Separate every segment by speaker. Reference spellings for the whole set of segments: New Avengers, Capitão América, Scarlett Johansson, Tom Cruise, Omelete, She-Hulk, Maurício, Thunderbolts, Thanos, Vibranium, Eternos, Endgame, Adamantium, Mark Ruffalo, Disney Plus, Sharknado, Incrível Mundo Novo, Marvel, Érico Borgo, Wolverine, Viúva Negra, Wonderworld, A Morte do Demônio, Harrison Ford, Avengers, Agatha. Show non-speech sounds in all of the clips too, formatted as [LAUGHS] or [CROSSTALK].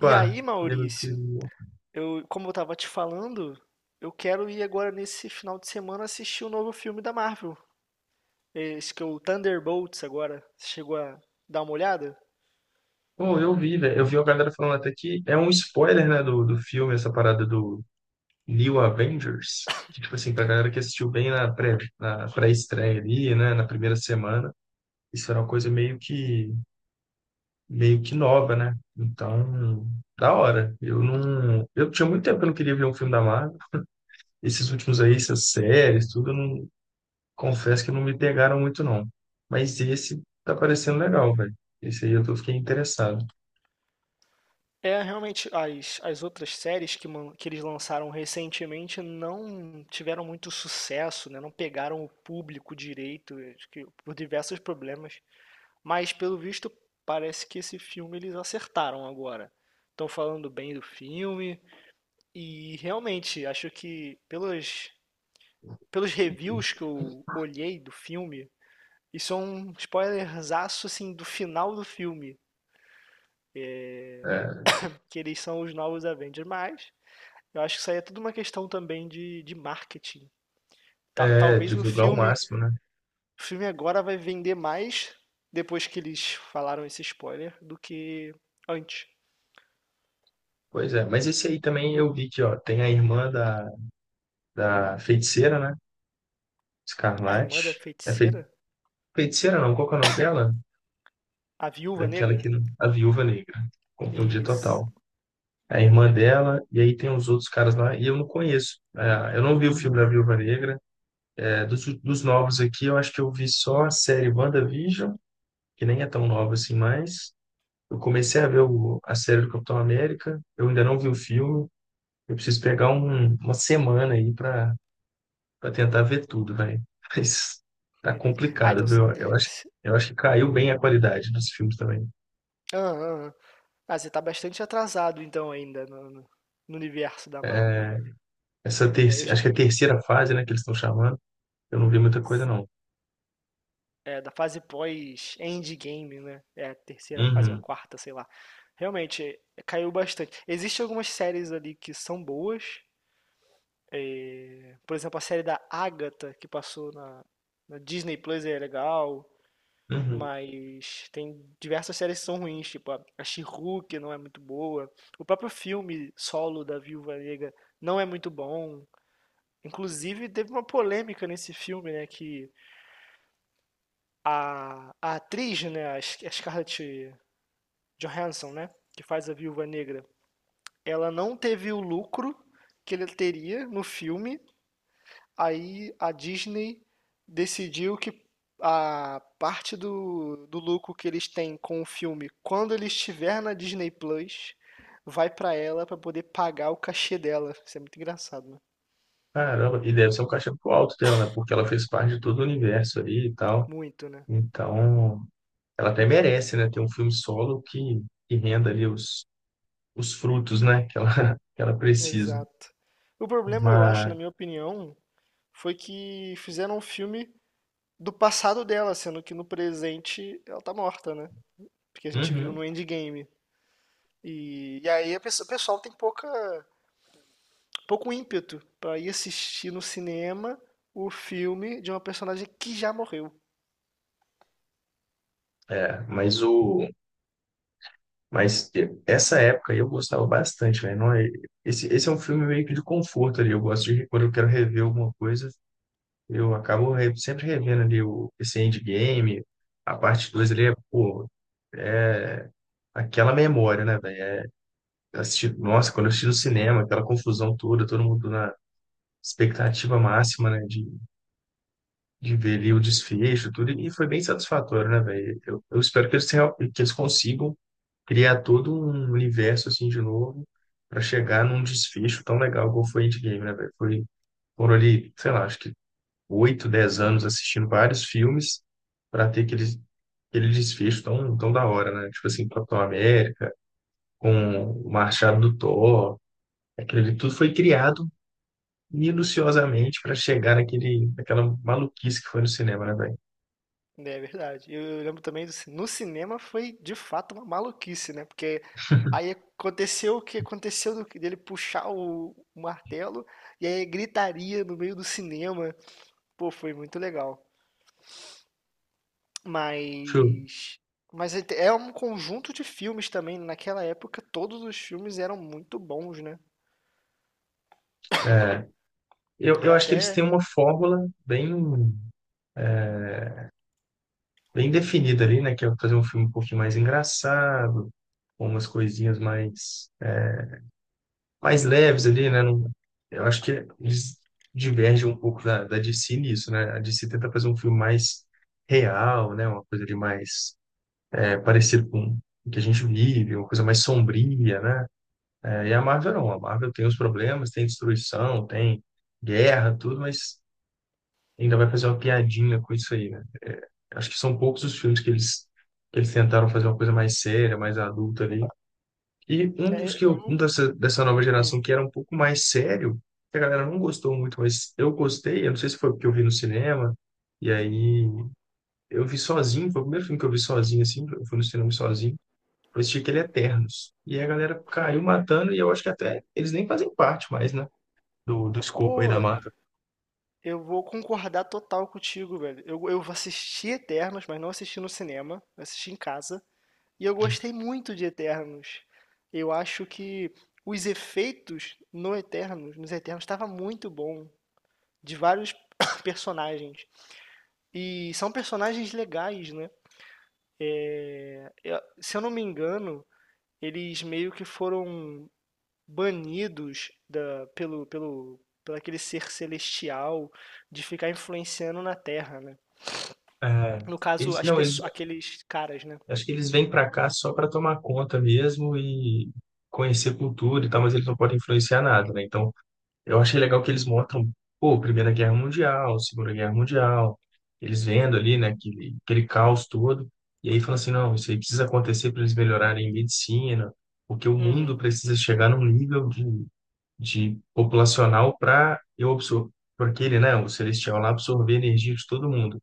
Speaker 1: E aí,
Speaker 2: e meu
Speaker 1: Maurício,
Speaker 2: querido?
Speaker 1: como eu tava te falando, eu quero ir agora nesse final de semana assistir o novo filme da Marvel. Esse que é o Thunderbolts agora. Você chegou a dar uma olhada?
Speaker 2: Pô, eu vi, velho. Eu vi a galera falando até que é um spoiler, né, do filme, essa parada do New Avengers. Que, tipo assim, pra galera que assistiu bem na pré-estreia ali, né, na primeira semana, isso era uma coisa meio que nova, né? Então, da hora. Eu não. Eu tinha muito tempo que eu não queria ver um filme da Marvel. Esses últimos aí, essas séries, tudo, eu não. Confesso que não me pegaram muito, não. Mas esse tá parecendo legal, velho. Esse aí eu tô, fiquei interessado.
Speaker 1: É, realmente, as outras séries que eles lançaram recentemente não tiveram muito sucesso, né? Não pegaram o público direito, acho que por diversos problemas. Mas, pelo visto, parece que esse filme eles acertaram agora. Estão falando bem do filme. E realmente, acho que pelos reviews que eu olhei do filme, isso é um spoilerzaço assim do final do filme,
Speaker 2: É,
Speaker 1: que eles são os novos Avengers, mas eu acho que isso aí é tudo uma questão também de marketing. Ta- talvez
Speaker 2: Divulgar o máximo, né?
Speaker 1: o filme agora vai vender mais depois que eles falaram esse spoiler do que antes.
Speaker 2: Pois é, mas esse aí também eu vi que, ó, tem da feiticeira, né?
Speaker 1: A irmã da
Speaker 2: Escarlate. É fei-
Speaker 1: feiticeira?
Speaker 2: feiticeira não, qual que é o nome dela?
Speaker 1: A Viúva
Speaker 2: Daquela
Speaker 1: Negra?
Speaker 2: que, a Viúva Negra, confundi
Speaker 1: Isso.
Speaker 2: total. É a irmã dela, e aí tem os outros caras lá, e eu não conheço. É, eu não vi o filme da Viúva Negra. É, dos novos aqui, eu acho que eu vi só a série WandaVision, que nem é tão nova assim mais. Eu comecei a ver o- A série do Capitão América, eu ainda não vi o filme. Eu preciso pegar um- Uma semana aí para tentar ver tudo, velho. [LAUGHS] Mas tá
Speaker 1: Ah, entendi. Ah,
Speaker 2: complicado,
Speaker 1: então.
Speaker 2: viu?
Speaker 1: Se-
Speaker 2: Eu acho que caiu bem a qualidade dos filmes também.
Speaker 1: Ah, ah, ah. Ah, você tá bastante atrasado então ainda no universo da Marvel.
Speaker 2: É, essa
Speaker 1: É,
Speaker 2: terceira, acho que é a terceira fase, né, que eles estão chamando. Eu não vi muita coisa, não.
Speaker 1: é, da fase pós-Endgame, né? É a terceira fase, a
Speaker 2: Uhum,
Speaker 1: quarta, sei lá. Realmente, é, caiu bastante. Existem algumas séries ali que são boas, né? Por exemplo, a série da Agatha, que passou na Disney Plus, é legal.
Speaker 2: uhum.
Speaker 1: Mas tem diversas séries que são ruins, tipo a She-Hulk não é muito boa. O próprio filme solo da Viúva Negra não é muito bom. Inclusive, teve uma polêmica nesse filme, né? Que a atriz, né? A Scarlett Johansson, né? Que faz a Viúva Negra. Ela não teve o lucro que ele teria no filme. Aí a Disney decidiu que a parte do lucro que eles têm com o filme, quando ele estiver na Disney Plus, vai pra ela pra poder pagar o cachê dela. Isso é muito engraçado, né?
Speaker 2: Caramba, e deve ser um cachê muito alto dela, né? Porque ela fez parte de todo o universo ali e tal.
Speaker 1: Muito, né?
Speaker 2: Então, ela até merece, né? Ter um filme solo que renda ali os frutos, né? Que ela, [LAUGHS] que ela precisa.
Speaker 1: Exato. O problema, eu acho, na
Speaker 2: Mas,
Speaker 1: minha opinião, foi que fizeram um filme do passado dela, sendo que no presente ela tá morta, né? Porque a gente viu no
Speaker 2: uhum.
Speaker 1: Endgame. E aí o pessoal tem pouco ímpeto pra ir assistir no cinema o filme de uma personagem que já morreu.
Speaker 2: É, mas o mas Essa época aí eu gostava bastante, velho. Não é, esse é um filme meio que de conforto ali. Eu gosto de quando eu quero rever alguma coisa, eu acabo sempre revendo ali o esse Endgame, a parte 2 ali é, pô, é aquela memória, né, velho? Assisti, nossa, quando eu assisti no cinema, aquela confusão toda, todo mundo na expectativa máxima, né, de ver ali o desfecho, tudo, e foi bem satisfatório, né, velho? Eu espero que eles consigam criar todo um universo assim de novo para chegar num desfecho tão legal como foi Endgame, né, velho? Foi, foram ali, sei lá, acho que oito, dez anos assistindo vários filmes para ter aquele, aquele desfecho tão da hora, né? Tipo assim, Capitão América, com o Machado do Thor, aquilo ali tudo foi criado minuciosamente para chegar naquela maluquice que foi no cinema, né, velho?
Speaker 1: Né, é verdade. Eu lembro também, no cinema foi de fato uma maluquice, né? Porque aí aconteceu o que aconteceu dele puxar o martelo e aí gritaria no meio do cinema. Pô, foi muito legal.
Speaker 2: True.
Speaker 1: Mas mas é um conjunto de filmes também, naquela época todos os filmes eram muito bons, né.
Speaker 2: É,
Speaker 1: É
Speaker 2: eu acho que eles
Speaker 1: até.
Speaker 2: têm uma fórmula bem definida ali, né? Que é fazer um filme um pouquinho mais engraçado, com umas mais leves ali, né? Não, eu acho que eles divergem um pouco da, da DC nisso, né? A DC tenta fazer um filme mais real, né? Uma coisa de mais é, parecido com o que a gente vive, uma coisa mais sombria, né? É, e a Marvel não. A Marvel tem os problemas, tem destruição, tem guerra, tudo, mas ainda vai fazer uma piadinha com isso aí, né? Acho que são poucos os filmes que eles tentaram fazer uma coisa mais séria, mais adulta ali. E um dos
Speaker 1: É
Speaker 2: que eu, um
Speaker 1: eu
Speaker 2: dessa nova
Speaker 1: Hum.
Speaker 2: geração que era um pouco mais sério, que a galera não gostou muito, mas eu gostei. Eu não sei se foi porque eu vi no cinema, e aí eu vi sozinho, foi o primeiro filme que eu vi sozinho, assim, eu fui no cinema sozinho. Eu assisti aquele Eternos. E a galera caiu matando, e eu acho que até eles nem fazem parte mais, né? Do escopo aí
Speaker 1: Pô,
Speaker 2: da marca.
Speaker 1: eu vou concordar total contigo, velho. Eu assisti Eternos, mas não assisti no cinema, eu assisti em casa, e eu gostei muito de Eternos. Eu acho que os efeitos no Eternos nos Eternos estava muito bom, de vários [COUGHS] personagens. E são personagens legais, né. É, se eu não me engano, eles meio que foram banidos pelo aquele ser celestial de ficar influenciando na Terra, né?
Speaker 2: É,
Speaker 1: No caso,
Speaker 2: eles,
Speaker 1: as
Speaker 2: não, eles
Speaker 1: pessoas, aqueles caras, né?
Speaker 2: acho que eles vêm para cá só para tomar conta mesmo e conhecer cultura e tal, mas eles não podem influenciar nada, né? Então, eu achei legal que eles mostram, pô, Primeira Guerra Mundial, Segunda Guerra Mundial, eles vendo ali, né, aquele caos todo, e aí falam assim, não, isso aí precisa acontecer para eles melhorarem em medicina, porque o mundo
Speaker 1: Uhum,
Speaker 2: precisa chegar num nível de populacional para eu absorver, porque ele, né, o celestial lá absorver a energia de todo mundo.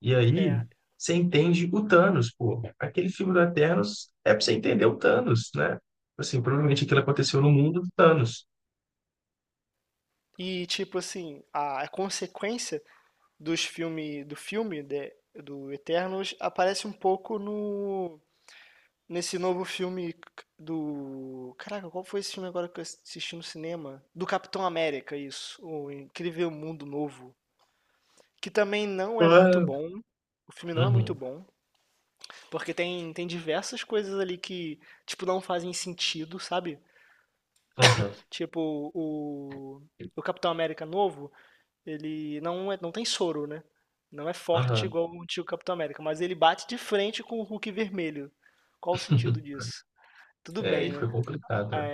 Speaker 2: E aí
Speaker 1: é.
Speaker 2: você entende o Thanos, pô. Aquele filme do Eternos é pra você entender o Thanos, né? Assim, provavelmente aquilo aconteceu no mundo do Thanos.
Speaker 1: E tipo assim, a consequência dos filme, do filme de- do Eternos aparece um pouco no nesse novo filme do. Caraca, qual foi esse filme agora que eu assisti no cinema? Do Capitão América, isso. O Incrível Mundo Novo. Que também não é muito
Speaker 2: Claro.
Speaker 1: bom. O filme não é muito
Speaker 2: Uhum,
Speaker 1: bom. Porque tem diversas coisas ali que, tipo, não fazem sentido, sabe?
Speaker 2: uhum,
Speaker 1: Tipo, o Capitão América novo, ele não tem soro, né? Não é forte
Speaker 2: uhum.
Speaker 1: igual o antigo Capitão América, mas ele bate de frente com o Hulk vermelho. Qual o sentido
Speaker 2: [LAUGHS]
Speaker 1: disso? Tudo
Speaker 2: É, aí
Speaker 1: bem, né?
Speaker 2: foi complicado, né?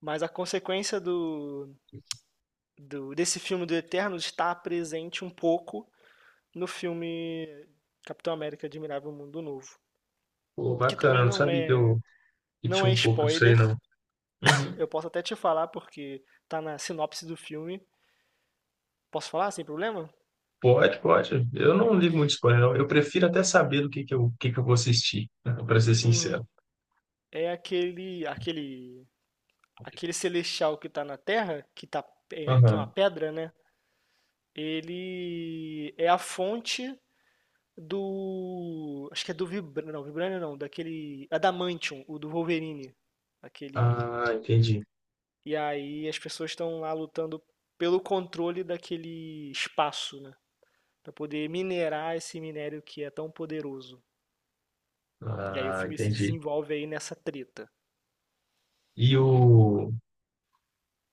Speaker 1: Mas a consequência desse filme do Eternos está presente um pouco no filme Capitão América Admirável Mundo Novo,
Speaker 2: Pô,
Speaker 1: que
Speaker 2: bacana,
Speaker 1: também
Speaker 2: eu não sabia que eu que
Speaker 1: não
Speaker 2: tinha
Speaker 1: é
Speaker 2: um pouco disso aí,
Speaker 1: spoiler.
Speaker 2: não. Uhum.
Speaker 1: Eu posso até te falar porque tá na sinopse do filme. Posso falar sem problema?
Speaker 2: Pode, pode. Eu não ligo muito spoiler, não. Eu prefiro até saber do que eu, o que que eu vou assistir, [LAUGHS] para ser
Speaker 1: Uhum.
Speaker 2: sincero.
Speaker 1: É aquele celestial que tá na Terra, que é uma
Speaker 2: Aham.
Speaker 1: pedra, né? Ele é a fonte do. Acho que é do Vibranium. Não, Vibranium não, daquele. Adamantium, o do Wolverine. Aquele.
Speaker 2: Ah, entendi.
Speaker 1: E aí as pessoas estão lá lutando pelo controle daquele espaço, né? Pra poder minerar esse minério que é tão poderoso. E aí o
Speaker 2: Ah,
Speaker 1: filme se
Speaker 2: entendi.
Speaker 1: desenvolve aí nessa treta.
Speaker 2: E o,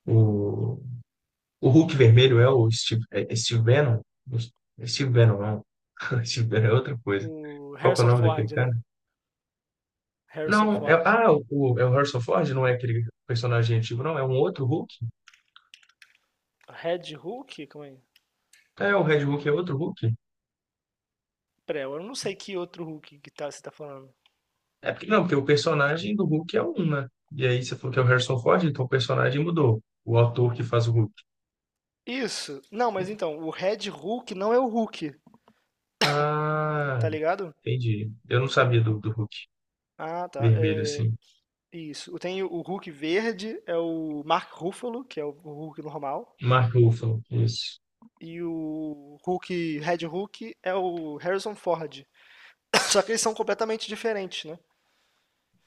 Speaker 2: o, O Hulk vermelho é o Steve, é Steve Bannon? É Steve Bannon, não. [LAUGHS] Steve Bannon é outra coisa.
Speaker 1: O
Speaker 2: Qual que é o
Speaker 1: Harrison
Speaker 2: nome daquele
Speaker 1: Ford,
Speaker 2: cara?
Speaker 1: né? Harrison
Speaker 2: Não, é,
Speaker 1: Ford.
Speaker 2: ah, o, é o Harrison Ford, não é aquele personagem antigo, não, é um outro Hulk?
Speaker 1: Red Hulk? Como é?
Speaker 2: É, o Red Hulk é outro Hulk?
Speaker 1: Pera, eu não sei que outro Hulk você tá falando.
Speaker 2: É porque, não, porque o personagem do Hulk é um, né? E aí você falou que é o Harrison Ford, então o personagem mudou. O ator que faz o Hulk.
Speaker 1: Isso. Não, mas então, o Red Hulk não é o Hulk,
Speaker 2: Ah,
Speaker 1: tá ligado?
Speaker 2: entendi. Eu não sabia do Hulk
Speaker 1: Ah, tá.
Speaker 2: vermelho,
Speaker 1: É.
Speaker 2: assim.
Speaker 1: Isso. Tem o Hulk verde, é o Mark Ruffalo, que é o Hulk normal.
Speaker 2: Mark Ruffalo, isso.
Speaker 1: E o Hulk, Red Hulk, é o Harrison Ford. [COUGHS] Só que eles são completamente diferentes, né?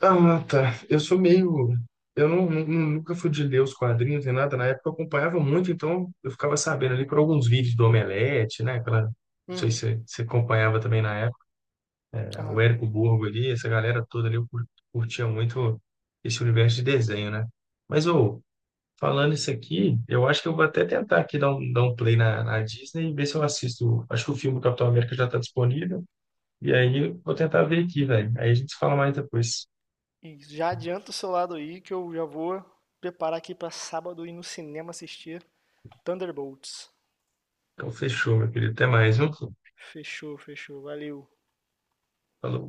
Speaker 2: Ah, tá. Eu sou meio. Eu não, nunca fui de ler os quadrinhos nem nada. Na época eu acompanhava muito, então eu ficava sabendo ali por alguns vídeos do Omelete, né? Aquela... Não sei se
Speaker 1: Uhum.
Speaker 2: você acompanhava também na época. Né? O
Speaker 1: Aham.
Speaker 2: Érico Borgo ali, essa galera toda ali, curtia muito esse universo de desenho, né? Mas, ô, falando isso aqui, eu acho que eu vou até tentar aqui dar um play na Disney e ver se eu assisto. Acho que o filme do Capitão América já tá disponível. E aí eu vou tentar ver aqui, velho. Aí a gente fala mais depois.
Speaker 1: E já adianta o seu lado aí, que eu já vou preparar aqui pra sábado ir no cinema assistir Thunderbolts.
Speaker 2: Então, fechou, meu querido. Até mais, viu?
Speaker 1: Fechou, fechou. Valeu.
Speaker 2: Falou.